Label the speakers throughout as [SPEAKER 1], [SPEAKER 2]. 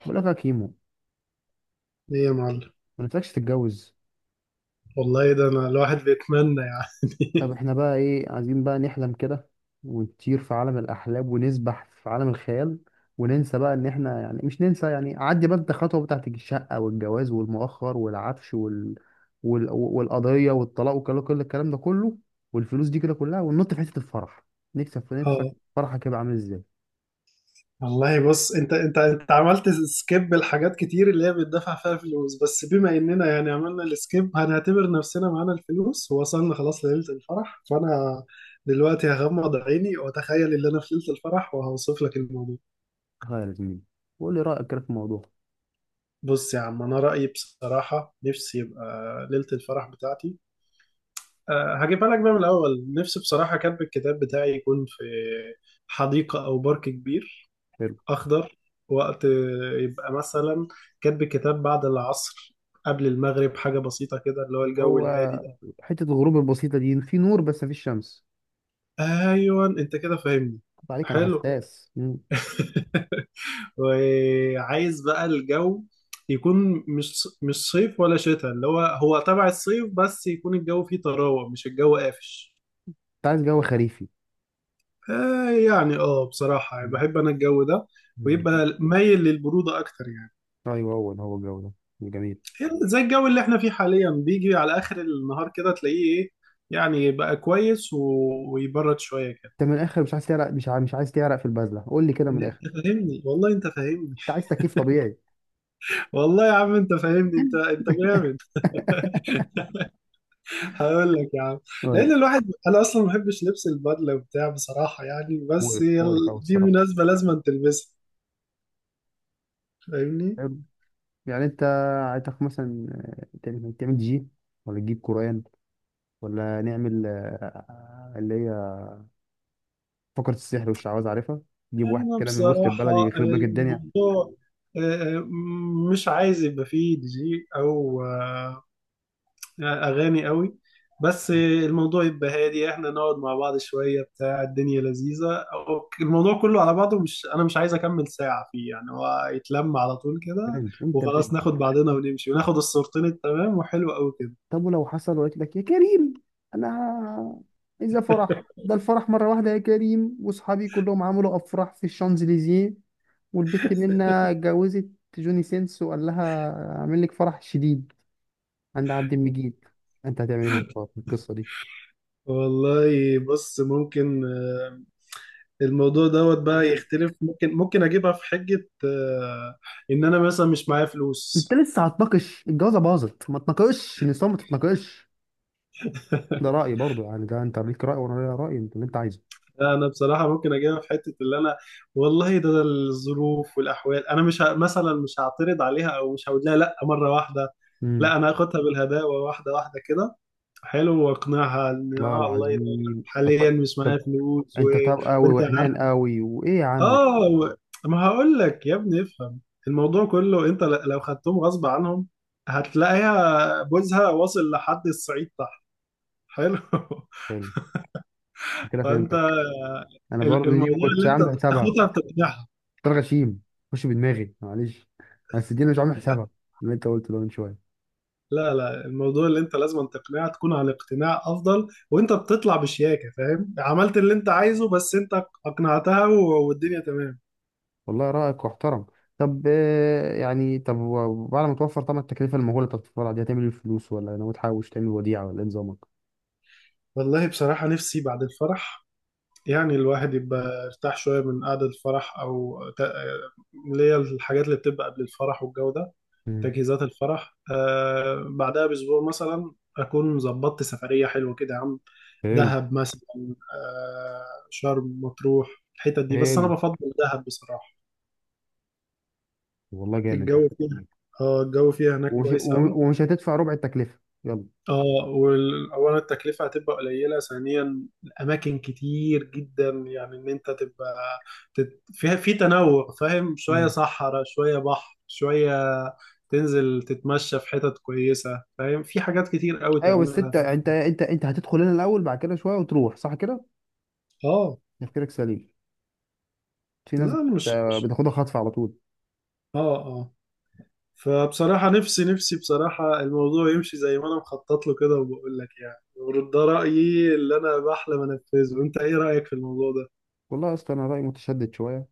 [SPEAKER 1] بقول لك يا كيمو،
[SPEAKER 2] ايه يا معلم.
[SPEAKER 1] ما نفسكش تتجوز.
[SPEAKER 2] والله ده انا الواحد بيتمنى
[SPEAKER 1] طب
[SPEAKER 2] يعني.
[SPEAKER 1] احنا بقى ايه عايزين؟ بقى نحلم كده ونطير في عالم الاحلام ونسبح في عالم الخيال وننسى بقى ان احنا، يعني مش ننسى يعني، عدي بقى انت خطوه بتاعت الشقه والجواز والمؤخر والعفش والقضيه والطلاق وكل كل الكلام ده كله والفلوس دي كده كلها، وننط في حته الفرح. نكسب في نفسك.
[SPEAKER 2] اه.
[SPEAKER 1] فرحك يبقى عامل ازاي؟
[SPEAKER 2] والله بص، انت عملت سكيب لحاجات كتير اللي هي بتدفع فيها فلوس، بس بما اننا يعني عملنا السكيب هنعتبر نفسنا معانا الفلوس ووصلنا خلاص ليلة الفرح، فانا دلوقتي هغمض عيني واتخيل ان انا في ليلة الفرح وهوصف لك الموضوع.
[SPEAKER 1] تخيل يا زميلي وقول لي رايك كده في الموضوع.
[SPEAKER 2] بص يا عم، انا رأيي بصراحة نفسي يبقى ليلة الفرح بتاعتي. أه، هجيبها لك بقى من الاول. نفسي بصراحة كاتب الكتاب بتاعي يكون في حديقة او بارك كبير
[SPEAKER 1] حلو.
[SPEAKER 2] أخضر. وقت يبقى مثلا كاتب كتاب بعد العصر، قبل المغرب، حاجة بسيطة كده اللي هو الجو
[SPEAKER 1] هو
[SPEAKER 2] الهادي ده.
[SPEAKER 1] حته الغروب البسيطه دي في نور بس مفيش شمس.
[SPEAKER 2] أيوة أنت كده فاهمني.
[SPEAKER 1] طب عليك، انا
[SPEAKER 2] حلو.
[SPEAKER 1] حساس.
[SPEAKER 2] وعايز بقى الجو يكون مش صيف ولا شتاء اللي هو هو تبع الصيف، بس يكون الجو فيه طراوة، مش الجو قافش.
[SPEAKER 1] انت عايز جو خريفي.
[SPEAKER 2] آه يعني، بصراحة يعني
[SPEAKER 1] مم.
[SPEAKER 2] بحب أنا الجو ده.
[SPEAKER 1] مم.
[SPEAKER 2] ويبقى مايل للبرودة أكتر يعني.
[SPEAKER 1] ايوه، هو ده هو الجو. ده جميل.
[SPEAKER 2] زي الجو اللي احنا فيه حاليا بيجي على اخر النهار كده تلاقيه ايه، يعني بقى كويس ويبرد شويه كده.
[SPEAKER 1] انت من الاخر مش عايز تعرق، مش عايز مش عايز تعرق في البازله، قول لي كده من
[SPEAKER 2] انت
[SPEAKER 1] الاخر.
[SPEAKER 2] فاهمني، والله انت فاهمني.
[SPEAKER 1] انت عايز تكييف طبيعي.
[SPEAKER 2] والله يا عم انت فاهمني، انت انت جامد. هقول لك يا عم،
[SPEAKER 1] قول لي.
[SPEAKER 2] لان الواحد انا اصلا ما بحبش لبس البدله وبتاع بصراحه يعني، بس
[SPEAKER 1] مقرف
[SPEAKER 2] هي
[SPEAKER 1] مقرف أوي
[SPEAKER 2] دي
[SPEAKER 1] الصراحة.
[SPEAKER 2] مناسبه لازم تلبسها. فاهمني.
[SPEAKER 1] حلو. يعني انت، عايزك مثلا، تعمل جي، ولا تجيب قرآن، ولا نعمل، اللي هي فقرة السحر والشعوذة، عارفها، تجيب
[SPEAKER 2] يعني
[SPEAKER 1] واحد
[SPEAKER 2] انا
[SPEAKER 1] كده من وسط
[SPEAKER 2] بصراحه
[SPEAKER 1] البلد يخرب لك الدنيا.
[SPEAKER 2] الموضوع، آه، آه، مش عايز يبقى فيه دي جي او اغاني قوي. بس الموضوع يبقى هادي، احنا نقعد مع بعض شويه، بتاع الدنيا لذيذه الموضوع كله على بعضه، مش انا مش عايز اكمل ساعه فيه يعني، هو يتلم على طول كده
[SPEAKER 1] برنس، انت
[SPEAKER 2] وخلاص،
[SPEAKER 1] برنس.
[SPEAKER 2] ناخد بعضنا ونمشي وناخد الصورتين التمام وحلو قوي كده.
[SPEAKER 1] طب، ولو حصل وقلت لك يا كريم، انا اذا فرح ده الفرح مره واحده يا كريم، واصحابي كلهم عملوا افراح في الشانزليزيه، والبت منا اتجوزت جوني سينس وقال لها اعمل لك فرح شديد عند عبد المجيد، انت هتعمل ايه في في القصه دي؟
[SPEAKER 2] والله بص، ممكن الموضوع دوت بقى يختلف. ممكن اجيبها في حجة، ان انا مثلا مش معايا
[SPEAKER 1] انت
[SPEAKER 2] فلوس.
[SPEAKER 1] لسه هتناقش؟ الجوازه باظت. ما تناقش النساء، ما تتناقش. ده رايي برضو، يعني ده انت ليك راي وانا ليا راي، انت اللي انت عايزه.
[SPEAKER 2] لا انا بصراحه ممكن اجيبها في حته اللي انا، والله ده، الظروف والاحوال. انا مش مثلا مش هعترض عليها، او مش هقول لها لا مره واحده.
[SPEAKER 1] امم.
[SPEAKER 2] لا، انا هاخدها بالهداوه، واحده واحده كده. حلو. واقنعها ان
[SPEAKER 1] والله
[SPEAKER 2] اه،
[SPEAKER 1] العظيم.
[SPEAKER 2] حاليا
[SPEAKER 1] طب
[SPEAKER 2] مش معايا
[SPEAKER 1] طب
[SPEAKER 2] فلوس
[SPEAKER 1] انت طب قوي
[SPEAKER 2] وانت عارف.
[SPEAKER 1] وحنان قوي وايه يا عم؟
[SPEAKER 2] اه و... ما هقول لك يا ابني، افهم. الموضوع كله انت لو خدتهم غصب عنهم هتلاقيها بوزها واصل لحد الصعيد تحت. حلو.
[SPEAKER 1] حلو. كده
[SPEAKER 2] فانت
[SPEAKER 1] فهمتك. انا برضه دي ما
[SPEAKER 2] الموضوع
[SPEAKER 1] كنتش
[SPEAKER 2] اللي انت
[SPEAKER 1] عامل حسابها.
[SPEAKER 2] تاخدها بتقنعها.
[SPEAKER 1] فطار غشيم خش بدماغي، معلش، بس دي أنا مش عامل حسابها، اللي انت قلته ده من شويه.
[SPEAKER 2] لا لا، الموضوع اللي انت لازم تقنعها، تكون على اقتناع افضل وانت بتطلع بشياكه، فاهم؟ عملت اللي انت عايزه، بس انت اقنعتها والدنيا تمام.
[SPEAKER 1] والله رايك محترم. طب، يعني طب وبعد ما توفر طبعا التكلفه المهوله بتاعت الفرع دي، هتعمل ايه الفلوس؟ ولا ناوي تحوش تعمل وديعه، ولا ايه نظامك؟
[SPEAKER 2] والله بصراحه نفسي بعد الفرح، يعني الواحد يبقى ارتاح شويه من قعده الفرح اللي هي الحاجات اللي بتبقى قبل الفرح والجو ده،
[SPEAKER 1] مم.
[SPEAKER 2] تجهيزات الفرح. آه، بعدها باسبوع مثلا اكون ظبطت سفريه حلوه كده يا عم.
[SPEAKER 1] حلو.
[SPEAKER 2] دهب مثلا، آه، شرم، مطروح، الحتت دي، بس انا
[SPEAKER 1] حلو
[SPEAKER 2] بفضل دهب بصراحه.
[SPEAKER 1] والله جامد، يلا.
[SPEAKER 2] الجو فيها، اه الجو فيها هناك كويس قوي.
[SPEAKER 1] ومش هتدفع ربع التكلفه، يلا.
[SPEAKER 2] اه، واولا التكلفه هتبقى قليله، ثانيا الاماكن كتير جدا، يعني ان انت تبقى فيها في تنوع، فاهم؟ شويه
[SPEAKER 1] مم.
[SPEAKER 2] صحراء شويه بحر، شويه تنزل تتمشى في حتت كويسه، فاهم؟ في حاجات كتير قوي
[SPEAKER 1] ايوه، بس
[SPEAKER 2] تعملها
[SPEAKER 1] انت
[SPEAKER 2] في.
[SPEAKER 1] انت انت انت هتدخل هنا الاول بعد كده شويه وتروح، صح كده؟
[SPEAKER 2] اه،
[SPEAKER 1] تفكيرك سليم. في
[SPEAKER 2] لا
[SPEAKER 1] ناس
[SPEAKER 2] أنا مش.
[SPEAKER 1] بتاخدها خطف على طول.
[SPEAKER 2] اه. آه. فبصراحة نفسي، بصراحة الموضوع يمشي زي ما أنا مخطط له كده. وبقول لك يعني ورد ده رأيي اللي أنا بحلم أنفذه. أنت إيه رأيك في الموضوع ده؟
[SPEAKER 1] والله اصلا انا رايي متشدد شويه،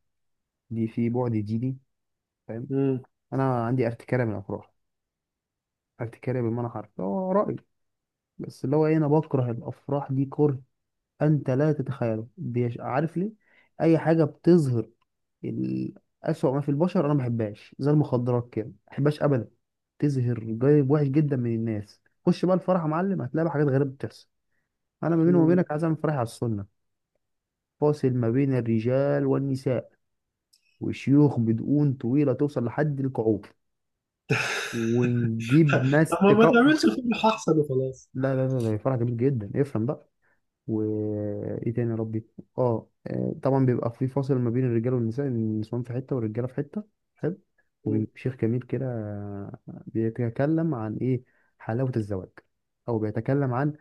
[SPEAKER 1] دي في بعد ديني، فاهم؟
[SPEAKER 2] مم.
[SPEAKER 1] انا عندي ارتكاره من الافراح، ارتكاره بمعنى حرفي، هو رايي، بس اللي هو ايه، انا بكره الافراح دي كره انت لا تتخيله. عارف ليه؟ اي حاجه بتظهر ال- اسوأ ما في البشر انا ما بحبهاش، زي المخدرات كده ما بحبهاش ابدا. تظهر جانب وحش جدا من الناس. خش بقى الفرح يا معلم، هتلاقي بقى حاجات غريبه بتحصل. انا ما بيني وما
[SPEAKER 2] مم.
[SPEAKER 1] بينك عايز اعمل فرح على السنه، فاصل ما بين الرجال والنساء، وشيوخ بدقون طويله توصل لحد الكعوب، ونجيب ناس
[SPEAKER 2] طب ما
[SPEAKER 1] تقوم.
[SPEAKER 2] تعملش الفيلم أحسن وخلاص.
[SPEAKER 1] لا لا لا، ده فرع جميل جدا، افهم بقى. وايه تاني يا ربي؟ طبعا بيبقى في فاصل ما بين الرجاله والنساء، النسوان في حته والرجاله في حته. حلو.
[SPEAKER 2] مم.
[SPEAKER 1] وبيبقى شيخ جميل كده بيتكلم عن ايه؟ حلاوه الزواج. او بيتكلم عن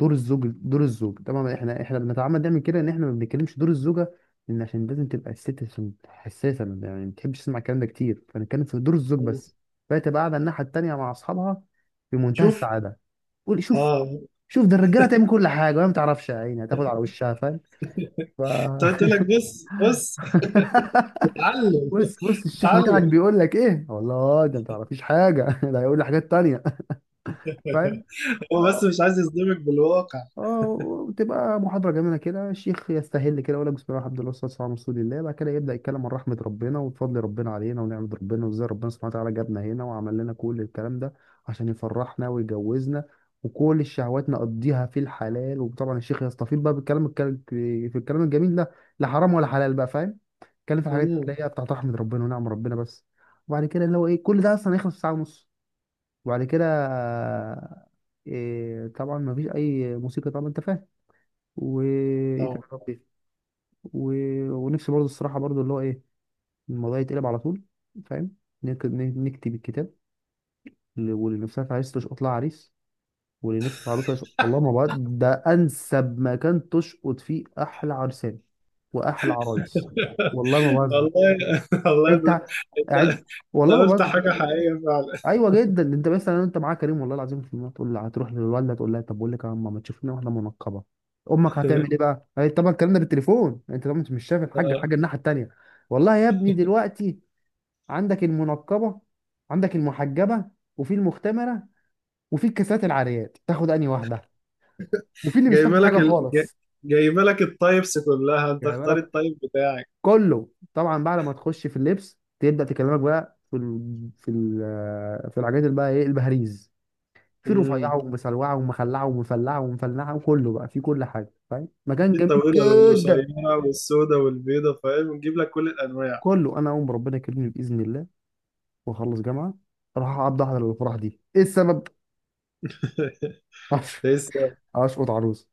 [SPEAKER 1] دور الزوج. دور الزوج، طبعا احنا بنتعمد نعمل كده ان احنا ما بنتكلمش دور الزوجه، لان عشان لازم تبقى الست، عشان حساسه يعني ما بتحبش تسمع الكلام ده كتير، فنتكلم في دور الزوج
[SPEAKER 2] مم.
[SPEAKER 1] بس. فهي تبقى قاعده الناحيه التانيه مع اصحابها، في منتهى
[SPEAKER 2] شوف.
[SPEAKER 1] السعاده. قول. شوف.
[SPEAKER 2] اه،
[SPEAKER 1] شوف، ده الرجاله تعمل كل حاجه وهي ما تعرفش، يا عيني هتاخد على وشها، فاهم؟ ف
[SPEAKER 2] كنت قلت لك بص بص. اتعلم.
[SPEAKER 1] بص بص، الشيخ بتاعك
[SPEAKER 2] اتعلم.
[SPEAKER 1] بيقول لك ايه؟ والله ده ما تعرفيش حاجه، ده هيقول لي حاجات تانيه، فاهم؟
[SPEAKER 2] هو بس
[SPEAKER 1] آه.
[SPEAKER 2] مش عايز يصدمك بالواقع.
[SPEAKER 1] اه وتبقى محاضرة جميلة كده، الشيخ يستهل كده يقول لك بسم الله الرحمن الرحيم والصلاة والسلام على رسول الله، بعد كده يبدأ يتكلم عن رحمة ربنا وفضل ربنا علينا ونعمة ربنا، وازاي ربنا سبحانه وتعالى جابنا هنا وعمل لنا كل الكلام ده عشان يفرحنا ويجوزنا، وكل الشهوات نقضيها في الحلال. وطبعا الشيخ يستفيض بقى بالكلام، في الكلام الجميل ده، لا حرام ولا حلال بقى، فاهم، يتكلم في الحاجات
[SPEAKER 2] مم.
[SPEAKER 1] اللي هي بتاعت رحمة ربنا ونعم ربنا بس. وبعد كده اللي هو ايه، كل ده اصلا هيخلص في ساعة ونص. وبعد كده إيه؟ طبعا مفيش اي موسيقى طبعا، انت فاهم. وايه
[SPEAKER 2] طبعا.
[SPEAKER 1] تاني يا ربي؟ و... ونفسي برضه الصراحه برضه اللي هو ايه، الموضوع يتقلب على طول، فاهم؟ نكتب الكتاب، واللي نفسها في عريس تشقط لها عريس، واللي نفسه في عروسه يشقط. والله ما بقى ده انسب مكان تشقط فيه احلى عرسان واحلى عرايس. والله ما بهزر.
[SPEAKER 2] والله والله
[SPEAKER 1] انت
[SPEAKER 2] انت،
[SPEAKER 1] قاعد. والله
[SPEAKER 2] انت
[SPEAKER 1] ما
[SPEAKER 2] قلت
[SPEAKER 1] بهزر.
[SPEAKER 2] حاجة حقيقية فعلا.
[SPEAKER 1] ايوه جدا، انت مثلا انت معاك كريم والله العظيم في المية، تقول لها هتروح للوالده، تقول لها طب بقول لك يا ماما ما تشوف لنا واحده منقبه، امك هتعمل ايه بقى؟ هي طبعا الكلام ده بالتليفون، انت طبعا مش شايف الحاجه
[SPEAKER 2] آه.
[SPEAKER 1] الحاجه الناحيه التانيه. والله يا ابني دلوقتي عندك المنقبه، عندك المحجبه، وفي المختمره، وفي الكاسات العاريات، تاخد انهي واحده؟ وفي اللي مش
[SPEAKER 2] جايبه
[SPEAKER 1] تاخد
[SPEAKER 2] لك
[SPEAKER 1] حاجه خالص.
[SPEAKER 2] جايبه لك التايبس كلها، انت
[SPEAKER 1] يعني
[SPEAKER 2] اختار
[SPEAKER 1] بالك،
[SPEAKER 2] التايب بتاعك.
[SPEAKER 1] كله طبعا بعد ما تخش في اللبس تبدا تكلمك بقى في الحاجات، اللي بقى ايه البهاريز، في
[SPEAKER 2] امم.
[SPEAKER 1] رفيعه ومسلوعه ومخلعه ومفلعه وكله بقى في كل حاجه، فاهم، مكان
[SPEAKER 2] في
[SPEAKER 1] جميل
[SPEAKER 2] الطويله
[SPEAKER 1] جدا.
[SPEAKER 2] والقصيره والسوداء والبيضه، فاهم؟ ونجيب لك كل الانواع.
[SPEAKER 1] كله، انا اقوم ربنا يكرمني باذن الله واخلص جامعه، اروح اقعد احضر الافراح دي. ايه السبب؟ أش-
[SPEAKER 2] لسه
[SPEAKER 1] اشقط عروس.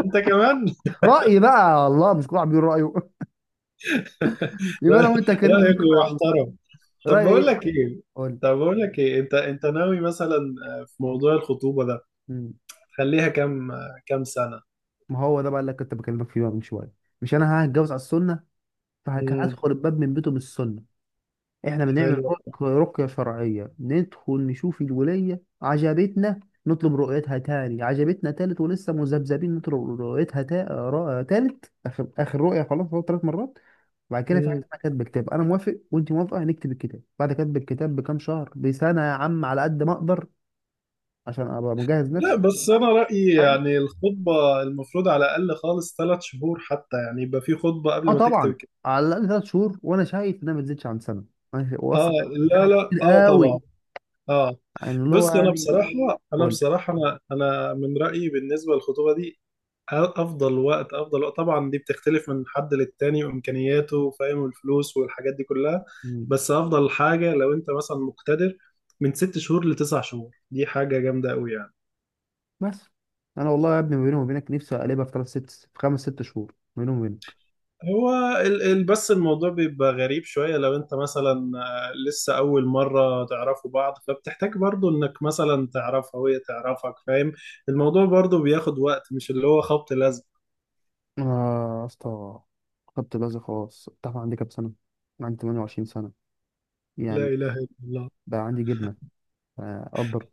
[SPEAKER 2] انت كمان.
[SPEAKER 1] رايي بقى الله، مش كل واحد بيقول رايه؟ يبقى انا
[SPEAKER 2] رأي-
[SPEAKER 1] وانت يا كريم
[SPEAKER 2] رايك
[SPEAKER 1] نشقط عروس.
[SPEAKER 2] يحترم. طب
[SPEAKER 1] رايي
[SPEAKER 2] بقول
[SPEAKER 1] ايه؟
[SPEAKER 2] لك ايه،
[SPEAKER 1] قول لي.
[SPEAKER 2] انت، ناوي مثلا، في موضوع الخطوبه ده
[SPEAKER 1] مم.
[SPEAKER 2] تخليها كام، سنه؟
[SPEAKER 1] ما هو ده بقى اللي كنت بكلمك فيه بقى من شويه، مش انا هتجوز على السنه؟
[SPEAKER 2] امم.
[SPEAKER 1] فهدخل الباب من بيته بالسنه، احنا بنعمل
[SPEAKER 2] حلو.
[SPEAKER 1] رقية شرعية، ندخل نشوف الولاية، عجبتنا نطلب رؤيتها تاني، عجبتنا تالت، ولسه مذبذبين نطلب رؤيتها، تالت، اخر رؤية خلاص، هو تلات مرات. بعد كده في حاجة اسمها كتب كتاب، انا موافق وانت موافقة هنكتب الكتاب. بعد كتب الكتاب بكام شهر، بسنة يا عم على قد ما اقدر، عشان ابقى مجهز
[SPEAKER 2] لا
[SPEAKER 1] نفسي.
[SPEAKER 2] بس أنا رأيي
[SPEAKER 1] فاهم؟
[SPEAKER 2] يعني الخطبة المفروض على الأقل خالص 3 شهور، حتى يعني يبقى في خطبة
[SPEAKER 1] اه
[SPEAKER 2] قبل ما تكتب
[SPEAKER 1] طبعا،
[SPEAKER 2] الكتاب.
[SPEAKER 1] على الاقل ثلاث شهور، وانا شايف انها ما تزيدش عن سنة.
[SPEAKER 2] آه.
[SPEAKER 1] واصلا
[SPEAKER 2] لا
[SPEAKER 1] سنة
[SPEAKER 2] لا،
[SPEAKER 1] كتير
[SPEAKER 2] آه
[SPEAKER 1] قوي،
[SPEAKER 2] طبعا. آه.
[SPEAKER 1] يعني اللي هو
[SPEAKER 2] بص أنا
[SPEAKER 1] يعني.
[SPEAKER 2] بصراحة، أنا من رأيي بالنسبة للخطوبة دي، أفضل وقت، طبعا دي بتختلف من حد للتاني وإمكانياته، فاهم؟ والفلوس والحاجات دي كلها.
[SPEAKER 1] قول.
[SPEAKER 2] بس أفضل حاجة لو أنت مثلا مقتدر، من 6 شهور لتسع شهور، دي حاجة جامدة أوي يعني.
[SPEAKER 1] بس انا والله يا ابني ما بيني وبينك، نفسي اقلبها في ثلاث ست في خمس ست شهور، ما بيني وبينك
[SPEAKER 2] هو بس الموضوع بيبقى غريب شوية، لو انت مثلا، لسه أول مرة تعرفوا بعض، فبتحتاج برضو انك مثلا تعرفها وهي تعرفك، فاهم؟ الموضوع برضو بياخد وقت، مش اللي هو خبط لزق.
[SPEAKER 1] انا. يا اسطى، خدت بازي خلاص، انت عارف عندي كام سنه؟ أنا عندي 28 سنه
[SPEAKER 2] لا
[SPEAKER 1] يعني،
[SPEAKER 2] إله إلا الله.
[SPEAKER 1] بقى عندي جبنه. قدر،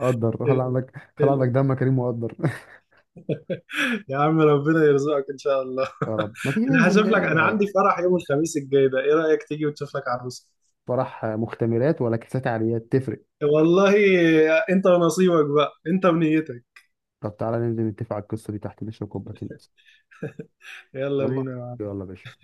[SPEAKER 1] قدر خلي
[SPEAKER 2] ال-
[SPEAKER 1] عندك، خلي
[SPEAKER 2] ال-
[SPEAKER 1] عندك دم كريم وقدر.
[SPEAKER 2] يا عم ربنا يرزقك إن شاء الله.
[SPEAKER 1] يا رب. ما تيجي
[SPEAKER 2] أنا
[SPEAKER 1] ننزل
[SPEAKER 2] هشوف لك. أنا عندي فرح يوم الخميس الجاي ده، إيه رأيك تيجي وتشوف لك عروسة؟
[SPEAKER 1] فرح مختمرات ولا كاسات عاليات، تفرق؟
[SPEAKER 2] والله، انت ونصيبك بقى، انت ونيتك.
[SPEAKER 1] طب تعالى ننزل نتفق على القصه دي تحت، نشرب كوبايتين.
[SPEAKER 2] يلا
[SPEAKER 1] يلا.
[SPEAKER 2] بينا.
[SPEAKER 1] يلا يا باشا.